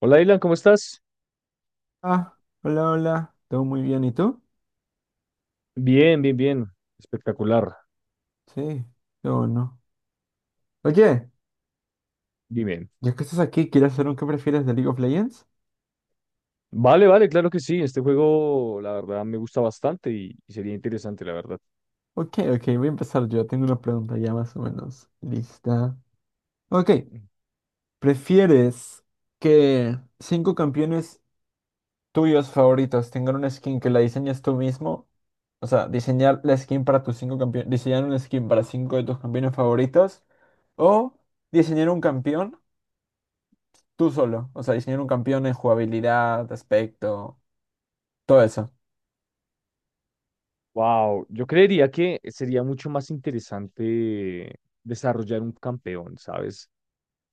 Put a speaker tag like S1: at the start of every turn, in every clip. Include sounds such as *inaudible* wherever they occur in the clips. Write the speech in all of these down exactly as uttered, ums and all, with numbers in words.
S1: Hola, Dylan, ¿cómo estás?
S2: Ah, hola, hola. ¿Todo muy bien? ¿Y tú?
S1: Bien, bien, bien. Espectacular.
S2: Sí, qué bueno. Oye,
S1: Dime.
S2: ya que estás aquí, ¿quieres hacer un qué prefieres de League of Legends?
S1: Vale, vale, claro que sí. Este juego, la verdad, me gusta bastante y, y sería interesante, la verdad.
S2: Ok, ok, voy a empezar yo. Tengo una pregunta ya más o menos lista. Ok, ¿prefieres que cinco campeones tuyos favoritos tengan una skin que la diseñes tú mismo? O sea, diseñar la skin para tus cinco campeones, diseñar una skin para cinco de tus campeones favoritos o diseñar un campeón tú solo. O sea, diseñar un campeón en jugabilidad, aspecto. Todo eso.
S1: Wow, yo creería que sería mucho más interesante desarrollar un campeón, ¿sabes?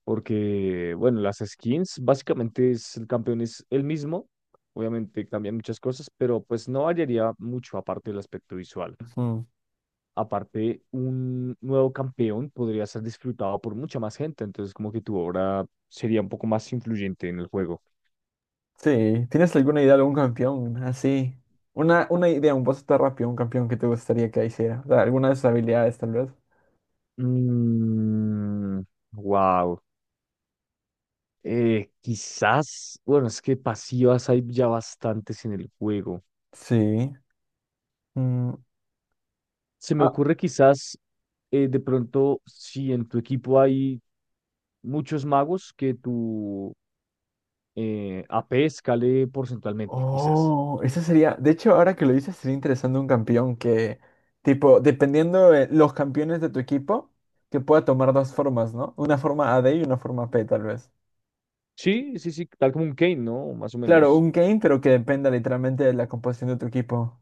S1: Porque, bueno, las skins, básicamente es, el campeón es el mismo. Obviamente cambian muchas cosas, pero pues no variaría mucho aparte del aspecto visual.
S2: Ujú.
S1: Aparte, un nuevo campeón podría ser disfrutado por mucha más gente, entonces como que tu obra sería un poco más influyente en el juego.
S2: Sí. ¿Tienes alguna idea de algún campeón? Así. Una, una idea, un boss de rápido, un campeón que te gustaría que hiciera. O sea, alguna de sus habilidades, tal vez.
S1: Mm, wow. Eh, quizás, bueno, es que pasivas hay ya bastantes en el juego.
S2: Sí. Mm,
S1: Se me
S2: Ah,
S1: ocurre quizás eh, de pronto si en tu equipo hay muchos magos que tu eh, A P escale porcentualmente, quizás.
S2: oh, eso sería. De hecho, ahora que lo dices, sería interesante un campeón que, tipo, dependiendo de los campeones de tu equipo, que pueda tomar dos formas, ¿no? Una forma A D y una forma P, tal vez.
S1: Sí, sí, sí, tal como un Kane, ¿no? Más o
S2: Claro,
S1: menos.
S2: un Kayn, pero que dependa literalmente de la composición de tu equipo.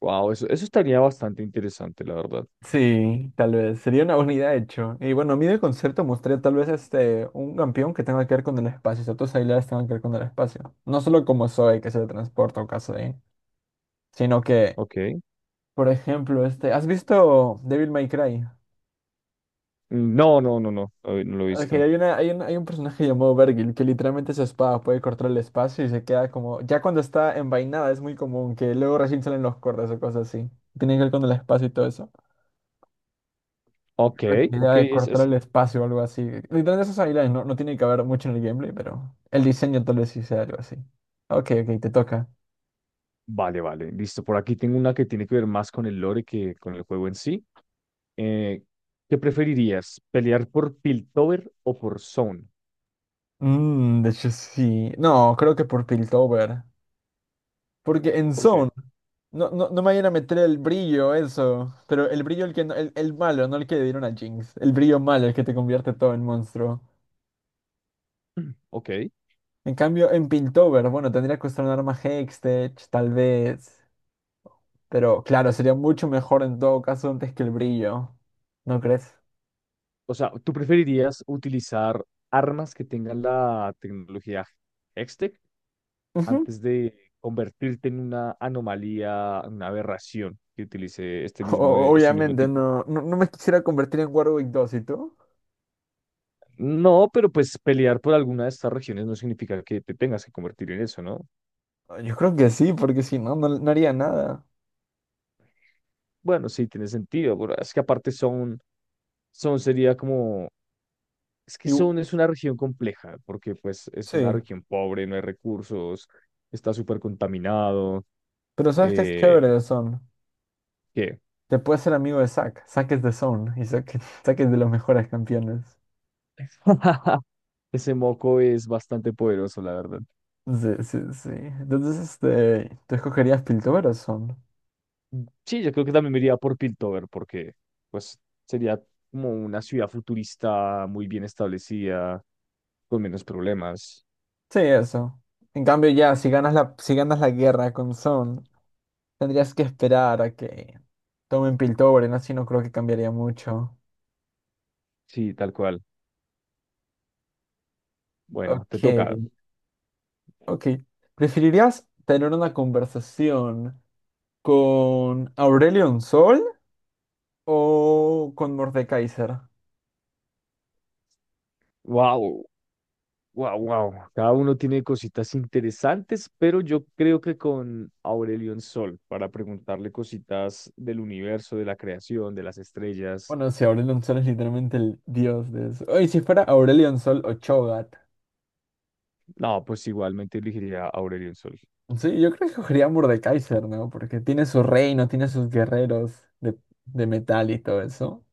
S1: Wow, eso, eso estaría bastante interesante, la verdad.
S2: Sí, tal vez. Sería una buena idea, de hecho. Y bueno, a mí del concierto mostré tal vez este, un campeón que tenga que ver con el espacio, ciertos bailarines tengan que ver con el espacio. No solo como Zoe, que se transporta o caso de, sino que,
S1: Ok.
S2: por ejemplo, este, ¿has visto Devil May Cry?
S1: No, no, no, no, no, no lo he
S2: Ok,
S1: visto.
S2: hay una, hay un, hay un personaje llamado Vergil que literalmente su espada puede cortar el espacio y se queda como, ya cuando está envainada es muy común que luego recién salen los cortes o cosas así. Tiene que ver con el espacio y todo eso.
S1: Ok,
S2: La idea
S1: ok,
S2: de
S1: es,
S2: cortar
S1: es...
S2: el espacio o algo así. Literalmente esas habilidades no, no tiene que haber mucho en el gameplay, pero el diseño tal vez sí sea algo así. Ok, ok, te toca.
S1: Vale, vale, listo. Por aquí tengo una que tiene que ver más con el lore que con el juego en sí. Eh, ¿Qué preferirías? ¿Pelear por Piltover o por Zone?
S2: Mm, de hecho sí. No, creo que por Piltover. Porque en
S1: ¿Por qué?
S2: Zone, no, no, no me vayan a meter el brillo, eso. Pero el brillo, el que no- el, el malo, no el que le dieron a Jinx. El brillo malo, el que te convierte todo en monstruo.
S1: *clears throat* Ok.
S2: En cambio, en Piltover, bueno, tendría que usar un arma Hextech, tal vez. Pero claro, sería mucho mejor en todo caso antes que el brillo. ¿No crees?
S1: O sea, ¿tú preferirías utilizar armas que tengan la tecnología Hextech
S2: Ujú.
S1: antes de convertirte en una anomalía, una aberración que utilice este mismo,
S2: O-
S1: este mismo
S2: Obviamente
S1: tipo?
S2: no, no, no me quisiera convertir en Warwick dos, ¿y tú?
S1: No, pero pues pelear por alguna de estas regiones no significa que te tengas que convertir en eso, ¿no?
S2: Ah, yo creo que sí, porque si no, no, no haría nada.
S1: Bueno, sí, tiene sentido, pero es que aparte son, son sería como, es que
S2: Y u-
S1: son es una región compleja, porque pues es una
S2: sí,
S1: región pobre, no hay recursos, está súper contaminado,
S2: pero ¿sabes qué es
S1: eh,
S2: chévere de Son?
S1: ¿qué?
S2: Te puedes ser amigo de Zack. Zack es de Son y Zack, *laughs* Zack es de los mejores campeones.
S1: *laughs* Ese moco es bastante poderoso, la verdad.
S2: Sí, sí, sí. Entonces, este, ¿tú escogerías Piltover o Son?
S1: Sí, yo creo que también me iría por Piltover porque pues sería como una ciudad futurista muy bien establecida, con menos problemas.
S2: Sí, eso. En cambio, ya, si ganas la, si ganas la guerra con Son, tendrías que esperar a que tomen Piltover, ¿no? Así no creo que cambiaría mucho.
S1: Sí, tal cual. Bueno, te
S2: Ok.
S1: toca.
S2: Ok. ¿Preferirías tener una conversación con Aurelion Sol o con Mordekaiser?
S1: Wow, wow, wow. Cada uno tiene cositas interesantes, pero yo creo que con Aurelion Sol para preguntarle cositas del universo, de la creación, de las estrellas.
S2: Bueno, si Aurelion Sol es literalmente el dios de eso. Oye, si fuera Aurelion Sol o Cho'Gath.
S1: No, pues igualmente elegiría a Aurelion Sol.
S2: Sí, yo creo que escogería a Mordekaiser, ¿no? Porque tiene su reino, tiene sus guerreros de, de, metal y todo eso.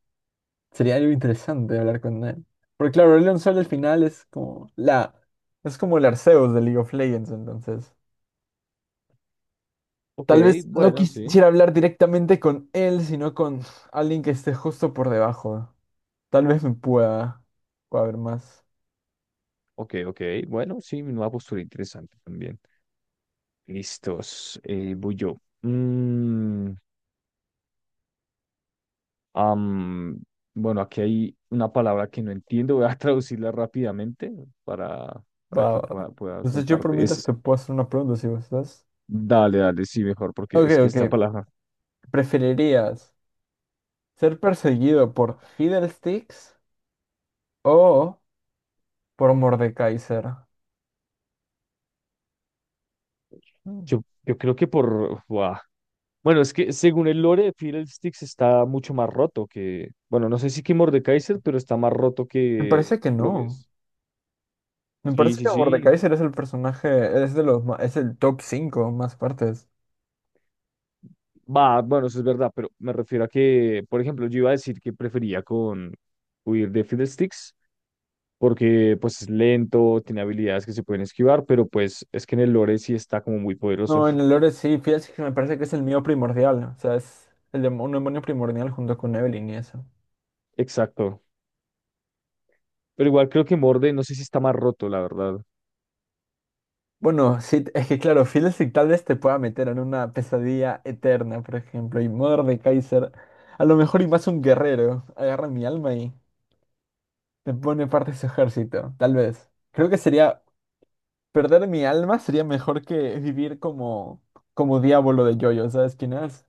S2: Sería algo interesante hablar con él. Porque claro, Aurelion Sol al final es como la... Es como el Arceus de League of Legends, entonces.
S1: Ok,
S2: Tal vez no
S1: bueno, sí.
S2: quisiera hablar directamente con él, sino con alguien que esté justo por debajo. Tal vez me pueda, pueda ver más.
S1: Ok, ok. Bueno, sí, una postura interesante también. Listos, eh, voy yo. Mm, am, bueno, aquí hay una palabra que no entiendo, voy a *laughs* traducirla rápidamente para, para
S2: Va, va,
S1: que
S2: va.
S1: pueda, pueda
S2: Entonces yo por
S1: contarte.
S2: mientras
S1: Es,
S2: te puedo hacer una pregunta si gustas.
S1: dale, dale, sí, mejor, porque
S2: Ok,
S1: es que esta
S2: ok.
S1: palabra,
S2: ¿Preferirías ser perseguido por Fiddlesticks o por Mordekaiser? Mm.
S1: yo, yo creo que por... buah. Bueno, es que según el lore, Fiddlesticks está mucho más roto que... Bueno, no sé si que Mordekaiser, pero está más roto
S2: Me
S1: que
S2: parece que
S1: lo que
S2: no.
S1: es.
S2: Me
S1: Sí,
S2: parece
S1: sí,
S2: que
S1: sí.
S2: Mordekaiser es el personaje, es de los, ma- es el top cinco más fuertes.
S1: Va, bueno, eso es verdad, pero me refiero a que, por ejemplo, yo iba a decir que prefería con huir de Fiddlesticks, porque pues es lento, tiene habilidades que se pueden esquivar, pero pues es que en el lore sí está como muy poderoso.
S2: No, en
S1: *laughs*
S2: el lore sí, fíjate que me parece que es el mío primordial, o sea, es el demo- un demonio primordial junto con Evelyn y eso.
S1: Exacto. Pero igual creo que Morde, no sé si está más roto, la verdad.
S2: Bueno, sí, es que claro, Fiddlestick tal vez te pueda meter en una pesadilla eterna, por ejemplo, y de Kaiser a lo mejor y más un guerrero, agarra mi alma y me pone parte de su ejército, tal vez. Creo que sería, perder mi alma sería mejor que vivir como, como diablo de Jojo, ¿sabes quién es?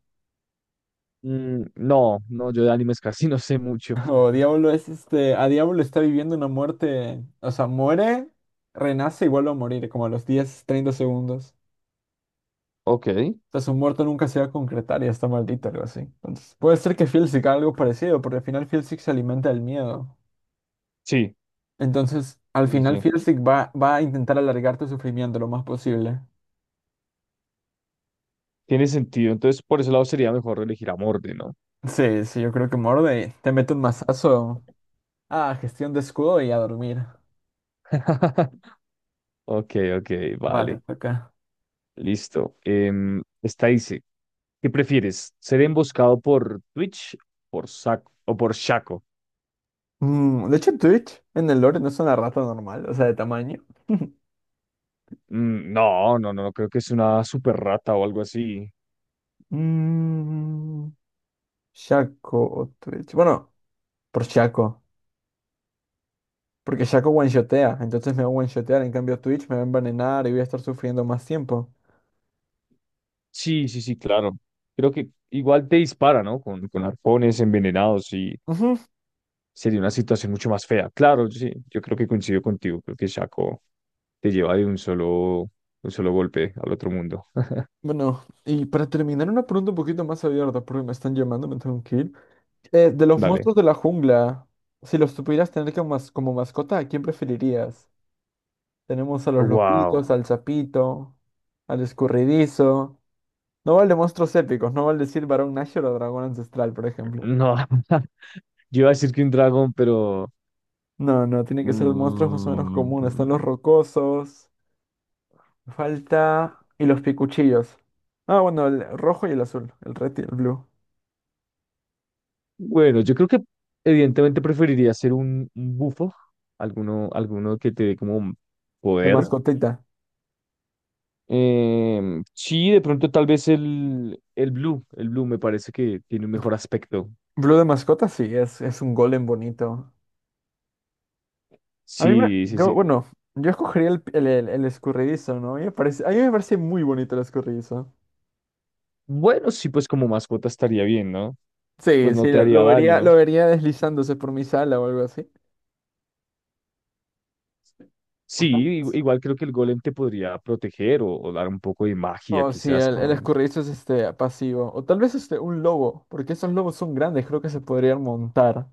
S1: Mm, no, no, yo de animes casi *laughs* no sé mucho.
S2: *laughs* O Diablo es este, a Diablo está viviendo una muerte, o sea, muere, renace y vuelve a morir, como a los diez treinta segundos.
S1: Ok.
S2: O sea, su muerte nunca se va a concretar y está maldito, algo así. Entonces, puede ser que Filsic haga algo parecido, porque al final Filsic se alimenta del miedo.
S1: Sí,
S2: Entonces, al
S1: sí, sí.
S2: final
S1: Sí.
S2: Filsic va, va a intentar alargar tu sufrimiento lo más posible.
S1: Tiene sentido. Entonces, por ese lado sería mejor elegir a Morde, ¿no?
S2: Sí, sí, yo creo que morde, te mete un mazazo. Ah, gestión de escudo y a dormir.
S1: *laughs* Ok, ok,
S2: Va,
S1: vale.
S2: te toca.
S1: Listo. Em, esta dice, ¿qué prefieres? ¿Ser emboscado por Twitch por Saco, o por Shaco?
S2: Mm, de hecho, Twitch en el lore no es una rata normal, o sea, de tamaño.
S1: Mm, no, no, no, creo que es una super rata o algo así.
S2: Mm, Shaco o Twitch. Bueno, por Shaco. Porque Shaco one-shotea. Entonces me va a one-shotear. En cambio, Twitch me va a envenenar y voy a estar sufriendo más tiempo.
S1: Sí, sí, sí, claro. Creo que igual te dispara, ¿no? Con, con arpones envenenados y
S2: Ujú.
S1: sería una situación mucho más fea. Claro, sí, yo creo que coincido contigo. Creo que Shaco te lleva de un solo, un solo golpe al otro mundo. *laughs*
S2: Bueno, y para terminar, una pregunta un poquito más abierta, porque me están llamando, me tengo que ir. Eh, de los
S1: Dale.
S2: monstruos de la jungla, si los tuvieras tener como, mas- como mascota, ¿a quién preferirías? Tenemos a los
S1: Wow.
S2: lobitos, al sapito, al escurridizo. No vale monstruos épicos, no vale decir varón Nashor o dragón ancestral, por ejemplo.
S1: No. *laughs* Yo iba a decir que un dragón, pero...
S2: No, no, tiene que ser los monstruos más o menos
S1: Mm,
S2: comunes. Están los rocosos, falta... y los picuchillos. Ah, bueno, el rojo y el azul, el red y el blue.
S1: bueno, yo creo que evidentemente preferiría ser un, un bufo, alguno, alguno que te dé como
S2: De ya.
S1: poder.
S2: Mascotita.
S1: Em, sí, de pronto tal vez el, el blue, el blue me parece que tiene un mejor aspecto.
S2: Blue de mascota, sí, es, es un golem bonito. A mí me...
S1: Sí, sí,
S2: Yo,
S1: sí.
S2: bueno, yo escogería el, el, el- el escurridizo, ¿no? A mí me parece, a mí me parece muy bonito el escurridizo.
S1: Bueno, sí, pues como mascota estaría bien, ¿no?
S2: Sí,
S1: Pues no
S2: sí,
S1: te
S2: lo,
S1: haría
S2: lo vería,
S1: daño.
S2: lo vería deslizándose por mi sala o algo así. O
S1: Sí,
S2: tal
S1: i-
S2: vez
S1: igual creo que el golem te podría proteger o, o dar un poco de magia
S2: Oh, sí,
S1: quizás
S2: el, el
S1: con...
S2: escurridizo es este pasivo. O tal vez este un lobo, porque esos lobos son grandes, creo que se podrían montar.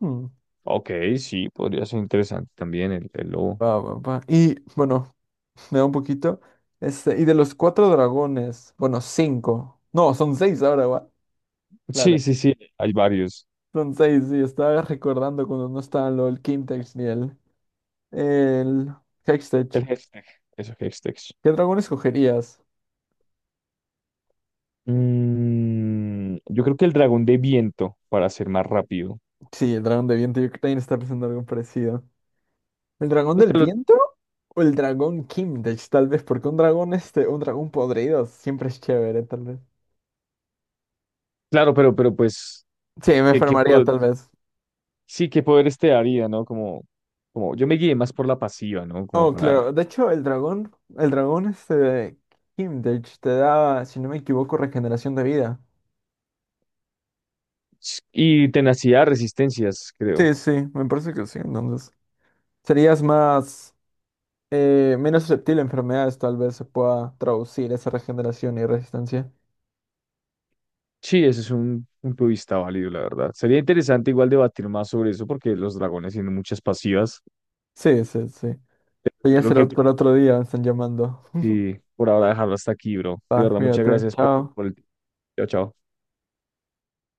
S2: Hmm,
S1: Ok, sí, podría ser interesante también el, el lobo.
S2: va, va, va. Y bueno, *laughs* me da un poquito. Este, y de los cuatro dragones, bueno, cinco. No, son seis ahora, va.
S1: Sí,
S2: Claro.
S1: sí, sí, hay varios.
S2: Son seis, sí, estaba recordando cuando no estaban lo del Quintex ni el, el Hextech.
S1: El hashtag, esos hashtags.
S2: ¿Qué dragón escogerías?
S1: Mm, yo creo que el dragón de viento, para ser más rápido.
S2: Sí, el dragón de viento, yo también estaba pensando algo parecido. ¿El dragón del
S1: Creo lo-
S2: viento? O el dragón Kimdich, tal vez, porque un dragón, este, un dragón podrido siempre es chévere, tal vez.
S1: Claro, pero, pero pues,
S2: Sí, me
S1: ¿qué, qué
S2: enfermaría,
S1: po-
S2: tal vez.
S1: sí, qué poderes te daría, ¿no? Como, como, yo me guié más por la pasiva, ¿no? Como
S2: Oh,
S1: para...
S2: claro. De hecho, el dragón, el dragón, este, Kimdich te da, si no me equivoco, regeneración de vida.
S1: Y tenacidad, resistencias, creo.
S2: Sí, sí, me parece que sí, entonces. Serías más, eh, menos susceptible a enfermedades, tal vez se pueda traducir esa regeneración y resistencia.
S1: Sí, ese es un punto de vista válido, la verdad. Sería interesante igual debatir más sobre eso, porque los dragones tienen muchas pasivas.
S2: Sí, sí, sí. Pero
S1: Yo
S2: ya
S1: creo
S2: será
S1: que
S2: para otro día, me están llamando.
S1: sí, por ahora dejarlo hasta aquí, bro. De
S2: Va,
S1: verdad, muchas
S2: cuídate,
S1: gracias por el,
S2: chao.
S1: por el... Chao, chao.